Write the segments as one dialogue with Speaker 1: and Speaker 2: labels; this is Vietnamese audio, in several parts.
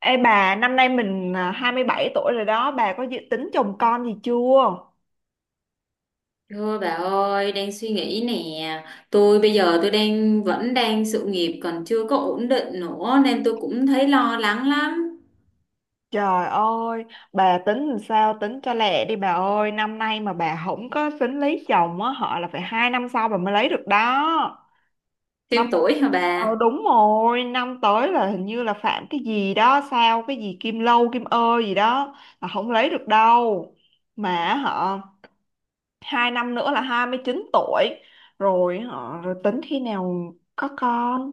Speaker 1: Ê bà, năm nay mình 27 tuổi rồi đó, bà có dự tính chồng con gì chưa?
Speaker 2: Thôi bà ơi, đang suy nghĩ nè. Bây giờ tôi đang vẫn sự nghiệp còn chưa có ổn định nữa nên tôi cũng thấy lo lắng lắm.
Speaker 1: Trời ơi, bà tính làm sao tính cho lẹ đi bà ơi, năm nay mà bà không có tính lấy chồng á, họ là phải 2 năm sau bà mới lấy được đó. Năm
Speaker 2: Thêm tuổi hả
Speaker 1: Ờ
Speaker 2: bà?
Speaker 1: đúng rồi, năm tới là hình như là phạm cái gì đó, sao cái gì Kim Lâu, Kim Ơ gì đó là không lấy được đâu. Mà họ 2 năm nữa là 29 tuổi rồi rồi tính khi nào có con.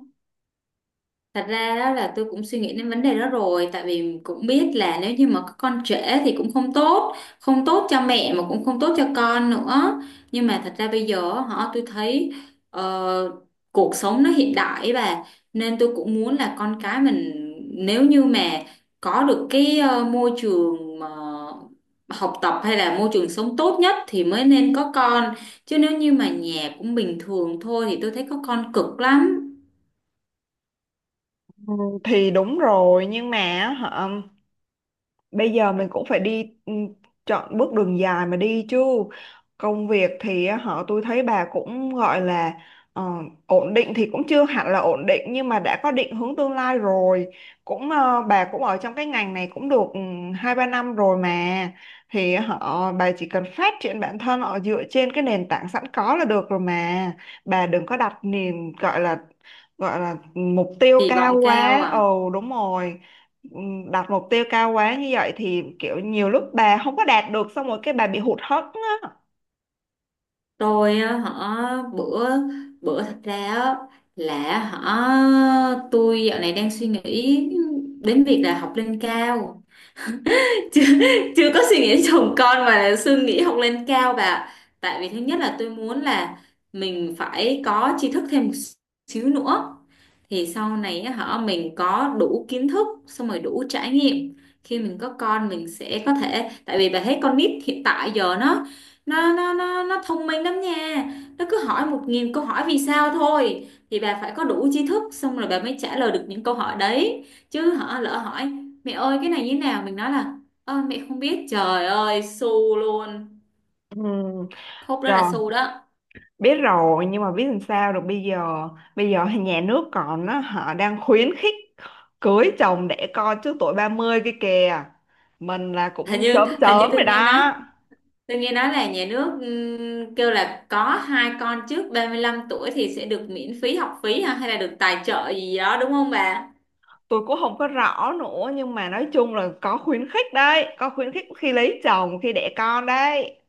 Speaker 2: Thật ra đó là tôi cũng suy nghĩ đến vấn đề đó rồi, tại vì cũng biết là nếu như mà có con trễ thì cũng không tốt, cho mẹ mà cũng không tốt cho con nữa, nhưng mà thật ra bây giờ tôi thấy ờ, cuộc sống nó hiện đại ấy bà, nên tôi cũng muốn là con cái mình nếu như mà có được cái môi trường mà học tập hay là môi trường sống tốt nhất thì mới nên có con, chứ nếu như mà nhà cũng bình thường thôi thì tôi thấy có con cực lắm.
Speaker 1: Thì đúng rồi nhưng mà hả, bây giờ mình cũng phải đi, chọn bước đường dài mà đi chứ. Công việc thì họ tôi thấy bà cũng gọi là ờ, ổn định thì cũng chưa hẳn là ổn định nhưng mà đã có định hướng tương lai rồi, cũng bà cũng ở trong cái ngành này cũng được 2, 3 năm rồi mà, thì họ bà chỉ cần phát triển bản thân, họ dựa trên cái nền tảng sẵn có là được rồi mà, bà đừng có đặt niềm gọi là mục tiêu
Speaker 2: Kỳ
Speaker 1: cao
Speaker 2: vọng cao
Speaker 1: quá.
Speaker 2: à?
Speaker 1: Ồ, đúng rồi. Đặt mục tiêu cao quá như vậy thì kiểu nhiều lúc bà không có đạt được, xong rồi cái bà bị hụt hẫng á.
Speaker 2: Tôi á, hả bữa bữa thật ra á, là tôi dạo này đang suy nghĩ đến việc là học lên cao. chưa, Chưa có suy nghĩ đến chồng con mà là suy nghĩ học lên cao bà ạ. Tại vì thứ nhất là tôi muốn là mình phải có tri thức thêm một xíu nữa, thì sau này á, mình có đủ kiến thức xong rồi đủ trải nghiệm, khi mình có con mình sẽ có thể, tại vì bà thấy con nít hiện tại giờ nó thông minh lắm nha. Nó cứ hỏi 1.000 câu hỏi vì sao thôi, thì bà phải có đủ tri thức xong rồi bà mới trả lời được những câu hỏi đấy, chứ lỡ hỏi mẹ ơi cái này như thế nào mình nói là "Ơ mẹ không biết" trời ơi su luôn.
Speaker 1: Ừ,
Speaker 2: Khúc đó
Speaker 1: rồi
Speaker 2: là su đó.
Speaker 1: biết rồi nhưng mà biết làm sao được bây giờ, bây giờ thì nhà nước còn á, họ đang khuyến khích cưới chồng đẻ con trước tuổi 30 kia kìa, mình là
Speaker 2: hình
Speaker 1: cũng
Speaker 2: như
Speaker 1: chớm
Speaker 2: hình như
Speaker 1: chớm
Speaker 2: tôi
Speaker 1: rồi
Speaker 2: nghe nói
Speaker 1: đó.
Speaker 2: tôi nghe nói là nhà nước kêu là có hai con trước 35 tuổi thì sẽ được miễn phí học phí ha, hay là được tài trợ gì đó đúng không bà?
Speaker 1: Tôi cũng không có rõ nữa nhưng mà nói chung là có khuyến khích đấy, có khuyến khích khi lấy chồng khi đẻ con đấy,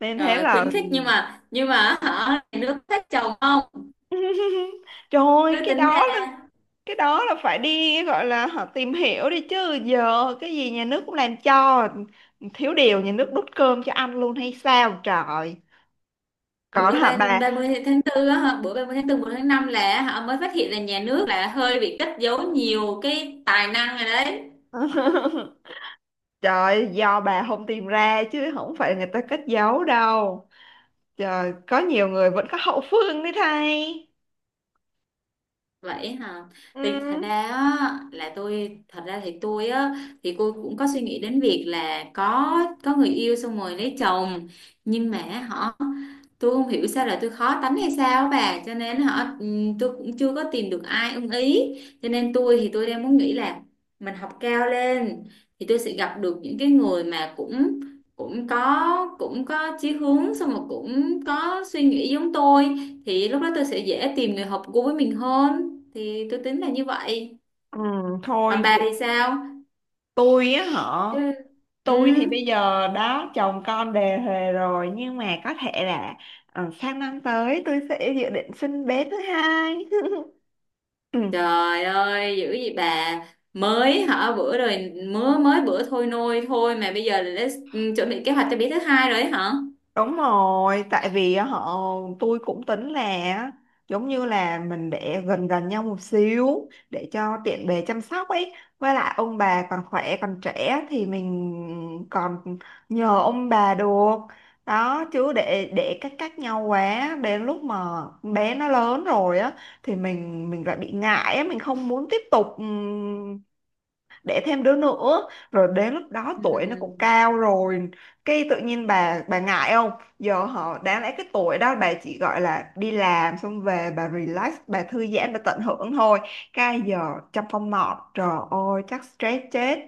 Speaker 1: nên thế
Speaker 2: Rồi khuyến
Speaker 1: là.
Speaker 2: khích nhưng mà nhưng mà nhà nước thích chồng không?
Speaker 1: Trời ơi,
Speaker 2: Tôi
Speaker 1: cái
Speaker 2: tính
Speaker 1: đó là
Speaker 2: ra
Speaker 1: phải đi gọi là họ tìm hiểu đi chứ, giờ cái gì nhà nước cũng làm cho, thiếu điều nhà nước đút cơm cho ăn luôn hay sao trời, còn
Speaker 2: bữa
Speaker 1: hả bà.
Speaker 2: ba mươi tháng tư á hả, bữa 30 tháng tư một tháng 5 là mới phát hiện là nhà nước là hơi bị cất giấu nhiều cái tài năng rồi đấy.
Speaker 1: Trời, do bà không tìm ra chứ không phải người ta cất giấu đâu, trời, có nhiều người vẫn có hậu phương đấy thay.
Speaker 2: Vậy hả?
Speaker 1: Ừ.
Speaker 2: Thì thật ra á, là tôi thật ra thì tôi á, thì cô cũng có suy nghĩ đến việc là có người yêu xong rồi lấy chồng, nhưng mà tôi không hiểu sao là tôi khó tánh hay sao á bà, cho nên tôi cũng chưa có tìm được ai ưng ý, cho nên tôi thì tôi đang muốn nghĩ là mình học cao lên thì tôi sẽ gặp được những cái người mà cũng cũng có, cũng có chí hướng xong rồi cũng có suy nghĩ giống tôi, thì lúc đó tôi sẽ dễ tìm người hợp gu với mình hơn, thì tôi tính là như vậy.
Speaker 1: Ừ,
Speaker 2: Còn
Speaker 1: thôi.
Speaker 2: bà thì sao?
Speaker 1: Tôi á hả,
Speaker 2: Ừ. Ừ.
Speaker 1: tôi thì bây giờ đã chồng con đề huề rồi nhưng mà có thể là sang năm tới tôi sẽ dự định sinh bé thứ hai. Ừ.
Speaker 2: Trời ơi, dữ gì bà! Mới bữa rồi mới mới bữa thôi nôi thôi mà bây giờ là đã, ừ, chuẩn bị kế hoạch cho bé thứ hai rồi ấy hả?
Speaker 1: Đúng rồi, tại vì á, họ tôi cũng tính là á, giống như là mình để gần gần nhau một xíu để cho tiện bề chăm sóc ấy. Với lại ông bà còn khỏe còn trẻ thì mình còn nhờ ông bà được. Đó chứ để cách cách nhau quá, đến lúc mà bé nó lớn rồi á thì mình lại bị ngại á, mình không muốn tiếp tục đẻ thêm đứa nữa, rồi đến lúc đó
Speaker 2: Ừ.
Speaker 1: tuổi nó cũng cao rồi, cái tự nhiên bà ngại không, giờ họ đáng lẽ cái tuổi đó bà chỉ gọi là đi làm xong về bà relax, bà thư giãn, bà tận hưởng thôi, cái giờ trong phong mọt trời ơi chắc stress chết.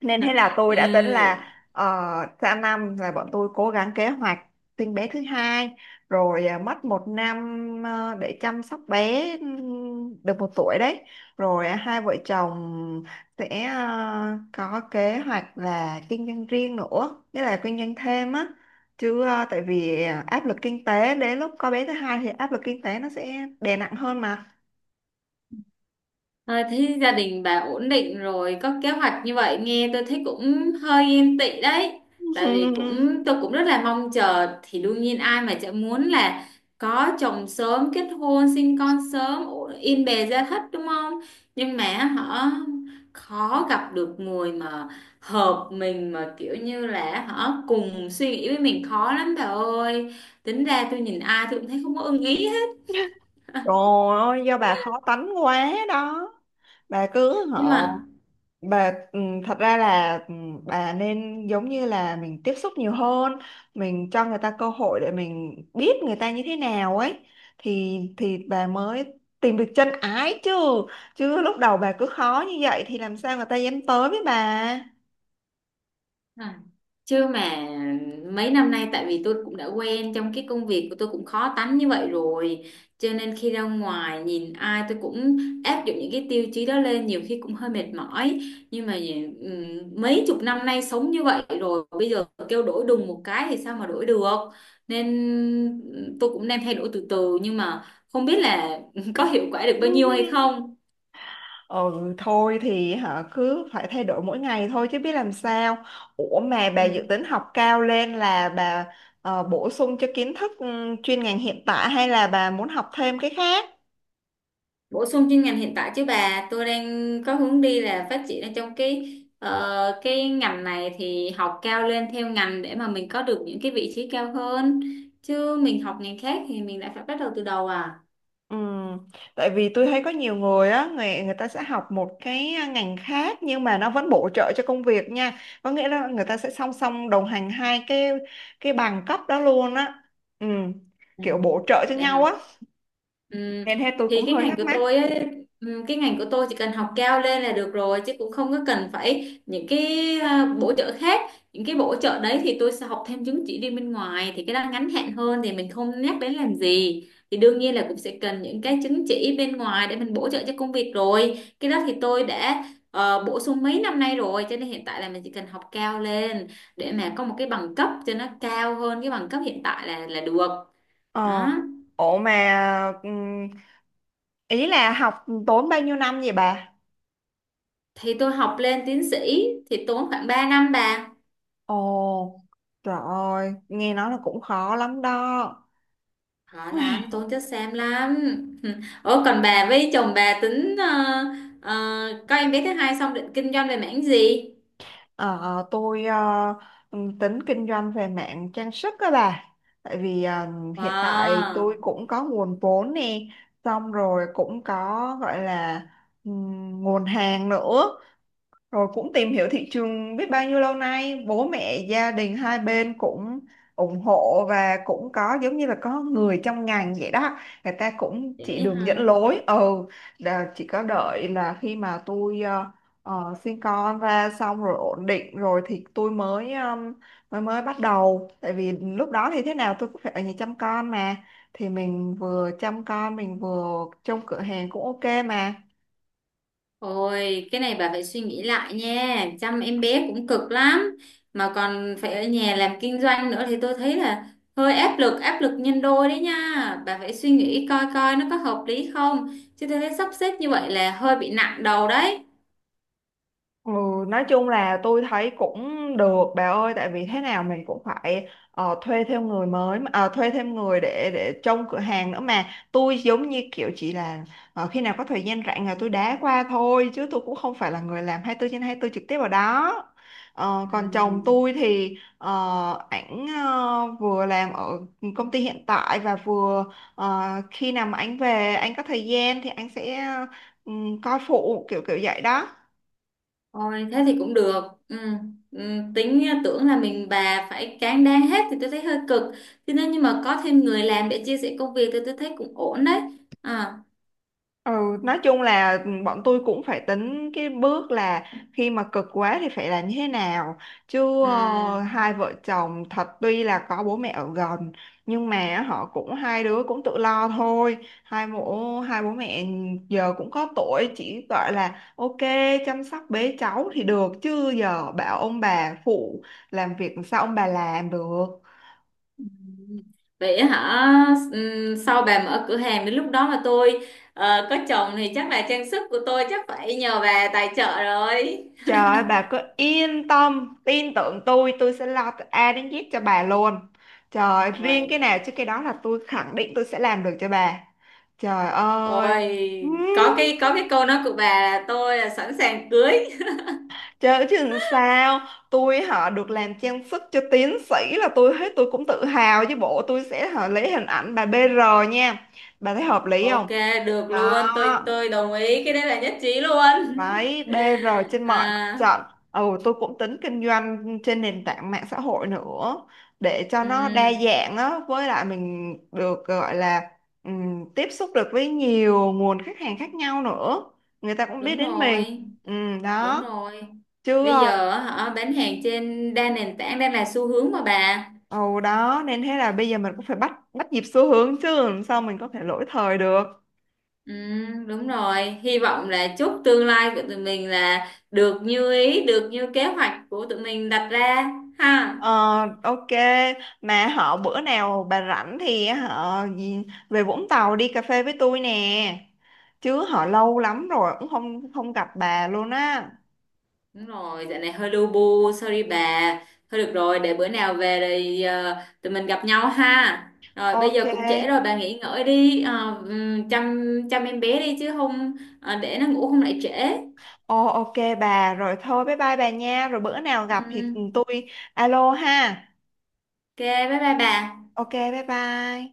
Speaker 1: Nên thế là tôi
Speaker 2: Ừ.
Speaker 1: đã tính là sang năm là bọn tôi cố gắng kế hoạch sinh bé thứ hai, rồi à, mất 1 năm để chăm sóc bé được 1 tuổi đấy, rồi à, hai vợ chồng sẽ có kế hoạch là kinh doanh riêng nữa, nghĩa là kinh doanh thêm á, chứ tại vì áp lực kinh tế đến lúc có bé thứ hai thì áp lực kinh tế nó sẽ đè nặng hơn mà.
Speaker 2: À, thế gia đình bà ổn định rồi có kế hoạch như vậy nghe tôi thấy cũng hơi yên tị đấy, tại vì tôi cũng rất là mong chờ, thì đương nhiên ai mà chả muốn là có chồng sớm, kết hôn sinh con sớm, yên bề gia thất đúng không, nhưng mà họ khó gặp được người mà hợp mình, mà kiểu như là họ cùng suy nghĩ với mình khó lắm bà ơi. Tính ra tôi nhìn ai tôi cũng thấy không có ưng ý hết.
Speaker 1: Trời ơi, do bà khó tánh quá đó. Bà cứ hả
Speaker 2: Nhưng mà.
Speaker 1: bà thật ra là, bà nên giống như là mình tiếp xúc nhiều hơn, mình cho người ta cơ hội để mình biết người ta như thế nào ấy, thì bà mới tìm được chân ái chứ, chứ lúc đầu bà cứ khó như vậy thì làm sao người ta dám tới với bà.
Speaker 2: À. Chứ mà mấy năm nay, tại vì tôi cũng đã quen trong cái công việc của tôi cũng khó tánh như vậy rồi cho nên khi ra ngoài nhìn ai tôi cũng áp dụng những cái tiêu chí đó lên, nhiều khi cũng hơi mệt mỏi, nhưng mà mấy chục năm nay sống như vậy rồi bây giờ kêu đổi đùng một cái thì sao mà đổi được, nên tôi cũng đang thay đổi từ từ nhưng mà không biết là có hiệu quả được bao nhiêu hay không.
Speaker 1: Ừ, thôi thì hả cứ phải thay đổi mỗi ngày thôi chứ biết làm sao. Ủa mà bà dự
Speaker 2: Ừ.
Speaker 1: tính học cao lên là bà bổ sung cho kiến thức, chuyên ngành hiện tại hay là bà muốn học thêm cái khác.
Speaker 2: Bổ sung chuyên ngành hiện tại chứ bà, tôi đang có hướng đi là phát triển ở trong cái cái ngành này, thì học cao lên theo ngành để mà mình có được những cái vị trí cao hơn, chứ mình học ngành khác thì mình lại phải bắt đầu từ đầu à.
Speaker 1: Ừ. Tại vì tôi thấy có nhiều người á, người người ta sẽ học một cái ngành khác nhưng mà nó vẫn bổ trợ cho công việc nha, có nghĩa là người ta sẽ song song đồng hành hai cái bằng cấp đó luôn á. Ừ.
Speaker 2: À,
Speaker 1: Kiểu bổ trợ cho
Speaker 2: vậy
Speaker 1: nhau
Speaker 2: hả?
Speaker 1: á,
Speaker 2: Ừm,
Speaker 1: nên thế tôi
Speaker 2: thì
Speaker 1: cũng hơi thắc mắc.
Speaker 2: cái ngành của tôi chỉ cần học cao lên là được rồi, chứ cũng không có cần phải những cái bổ trợ khác, những cái bổ trợ đấy thì tôi sẽ học thêm chứng chỉ đi bên ngoài thì cái đó ngắn hạn hơn thì mình không nhắc đến làm gì, thì đương nhiên là cũng sẽ cần những cái chứng chỉ bên ngoài để mình bổ trợ cho công việc rồi, cái đó thì tôi đã bổ sung mấy năm nay rồi, cho nên hiện tại là mình chỉ cần học cao lên để mà có một cái bằng cấp cho nó cao hơn cái bằng cấp hiện tại là được.
Speaker 1: Ờ
Speaker 2: Đó
Speaker 1: ủa mà Ý là học tốn bao nhiêu năm vậy bà.
Speaker 2: thì tôi học lên tiến sĩ thì tốn khoảng 3 năm bà.
Speaker 1: Ồ, trời ơi, nghe nói là cũng khó lắm đó.
Speaker 2: Họ làm tốn chất xám lắm. Ủa còn bà với chồng bà tính có em bé thứ hai xong định kinh doanh về mảng gì?
Speaker 1: Ờ, ờ, tôi tính kinh doanh về mạng trang sức các bà, tại vì hiện tại
Speaker 2: Wow.
Speaker 1: tôi cũng có nguồn vốn nè, xong rồi cũng có gọi là nguồn hàng nữa, rồi cũng tìm hiểu thị trường biết bao nhiêu lâu nay, bố mẹ, gia đình hai bên cũng ủng hộ và cũng có giống như là có người trong ngành vậy đó. Người ta cũng chỉ
Speaker 2: Vậy
Speaker 1: đường dẫn
Speaker 2: hả?
Speaker 1: lối. Ừ, là chỉ có đợi là khi mà tôi sinh con ra xong rồi ổn định rồi thì tôi mới mới mới bắt đầu. Tại vì lúc đó thì thế nào tôi cũng phải ở nhà chăm con mà. Thì mình vừa chăm con, mình vừa trông cửa hàng cũng ok mà.
Speaker 2: Ôi cái này bà phải suy nghĩ lại nha, chăm em bé cũng cực lắm mà còn phải ở nhà làm kinh doanh nữa thì tôi thấy là hơi áp lực, áp lực nhân đôi đấy nha. Bà phải suy nghĩ coi coi nó có hợp lý không, chứ tôi thấy sắp xếp như vậy là hơi bị nặng đầu đấy.
Speaker 1: Ừ, nói chung là tôi thấy cũng được bà ơi, tại vì thế nào mình cũng phải thuê thêm người để trông cửa hàng nữa mà, tôi giống như kiểu chỉ là khi nào có thời gian rảnh là tôi đá qua thôi, chứ tôi cũng không phải là người làm 24 trên 24 trực tiếp ở đó. Ờ,
Speaker 2: Ừ.
Speaker 1: còn chồng tôi thì ảnh vừa làm ở công ty hiện tại và vừa ờ, khi nào mà anh về anh có thời gian thì anh sẽ ừ, coi phụ kiểu kiểu vậy đó.
Speaker 2: Ôi thế thì cũng được. Ừ. Ừ. Tính tưởng là mình bà phải cán đáng hết thì tôi thấy hơi cực, thế nên nhưng mà có thêm người làm để chia sẻ công việc thì tôi thấy cũng ổn đấy. À.
Speaker 1: Ừ, nói chung là bọn tôi cũng phải tính cái bước là khi mà cực quá thì phải là như thế nào, chứ
Speaker 2: Ừ.
Speaker 1: hai vợ chồng thật tuy là có bố mẹ ở gần nhưng mà họ cũng, hai đứa cũng tự lo thôi, hai bố mẹ giờ cũng có tuổi chỉ gọi là ok chăm sóc bế cháu thì được, chứ giờ bảo ông bà phụ làm việc sao ông bà làm được.
Speaker 2: Vậy hả? Ừ. Sau bà mở cửa hàng đến lúc đó mà tôi có chồng thì chắc là trang sức của tôi chắc phải nhờ bà tài trợ rồi.
Speaker 1: Trời ơi bà cứ yên tâm, tin tưởng tôi sẽ lo từ A đến Z cho bà luôn. Trời ơi, riêng
Speaker 2: Ôi,
Speaker 1: cái nào chứ cái đó là tôi khẳng định tôi sẽ làm được cho bà. Trời ơi.
Speaker 2: ôi có cái câu nói của bà là tôi là sẵn sàng cưới.
Speaker 1: Trời ơi, chứ làm sao. Tôi họ được làm trang sức cho tiến sĩ là tôi hết, tôi cũng tự hào chứ bộ, tôi sẽ họ lấy hình ảnh bà BR nha. Bà thấy hợp lý không?
Speaker 2: Ok, được
Speaker 1: Đó.
Speaker 2: luôn, tôi đồng ý, cái đấy là nhất trí luôn.
Speaker 1: Đấy, BR trên mọi mặt
Speaker 2: À,
Speaker 1: trận. Ừ, tôi cũng tính kinh doanh trên nền tảng mạng xã hội nữa để cho
Speaker 2: ừ,
Speaker 1: nó đa dạng á, với lại mình được gọi là tiếp xúc được với nhiều nguồn khách hàng khác nhau nữa. Người ta cũng biết
Speaker 2: đúng
Speaker 1: đến mình.
Speaker 2: rồi, đúng
Speaker 1: Đó.
Speaker 2: rồi.
Speaker 1: Chứ
Speaker 2: Bây giờ hả, bán hàng trên đa nền tảng đang là xu hướng mà bà.
Speaker 1: ừ, đó nên thế là bây giờ mình cũng phải bắt bắt nhịp xu hướng chứ làm sao mình có thể lỗi thời được.
Speaker 2: Ừ, đúng rồi, hy vọng là chúc tương lai của tụi mình là được như ý, được như kế hoạch của tụi mình đặt ra ha.
Speaker 1: Ờ, ok mà họ bữa nào bà rảnh thì họ về Vũng Tàu đi cà phê với tôi nè, chứ họ lâu lắm rồi cũng không không gặp bà luôn á.
Speaker 2: Đúng rồi, dạo này hơi lu bu, sorry bà. Thôi được rồi, để bữa nào về thì tụi mình gặp nhau ha. Rồi bây
Speaker 1: Ok.
Speaker 2: giờ cũng trễ rồi, bà nghỉ ngơi đi, chăm chăm em bé đi, chứ không để nó ngủ không lại trễ.
Speaker 1: Ồ, ok bà, rồi thôi bye bye bà nha, rồi bữa nào gặp thì
Speaker 2: Ừ,
Speaker 1: tôi alo ha.
Speaker 2: ok, bye bye bà.
Speaker 1: Ok bye bye.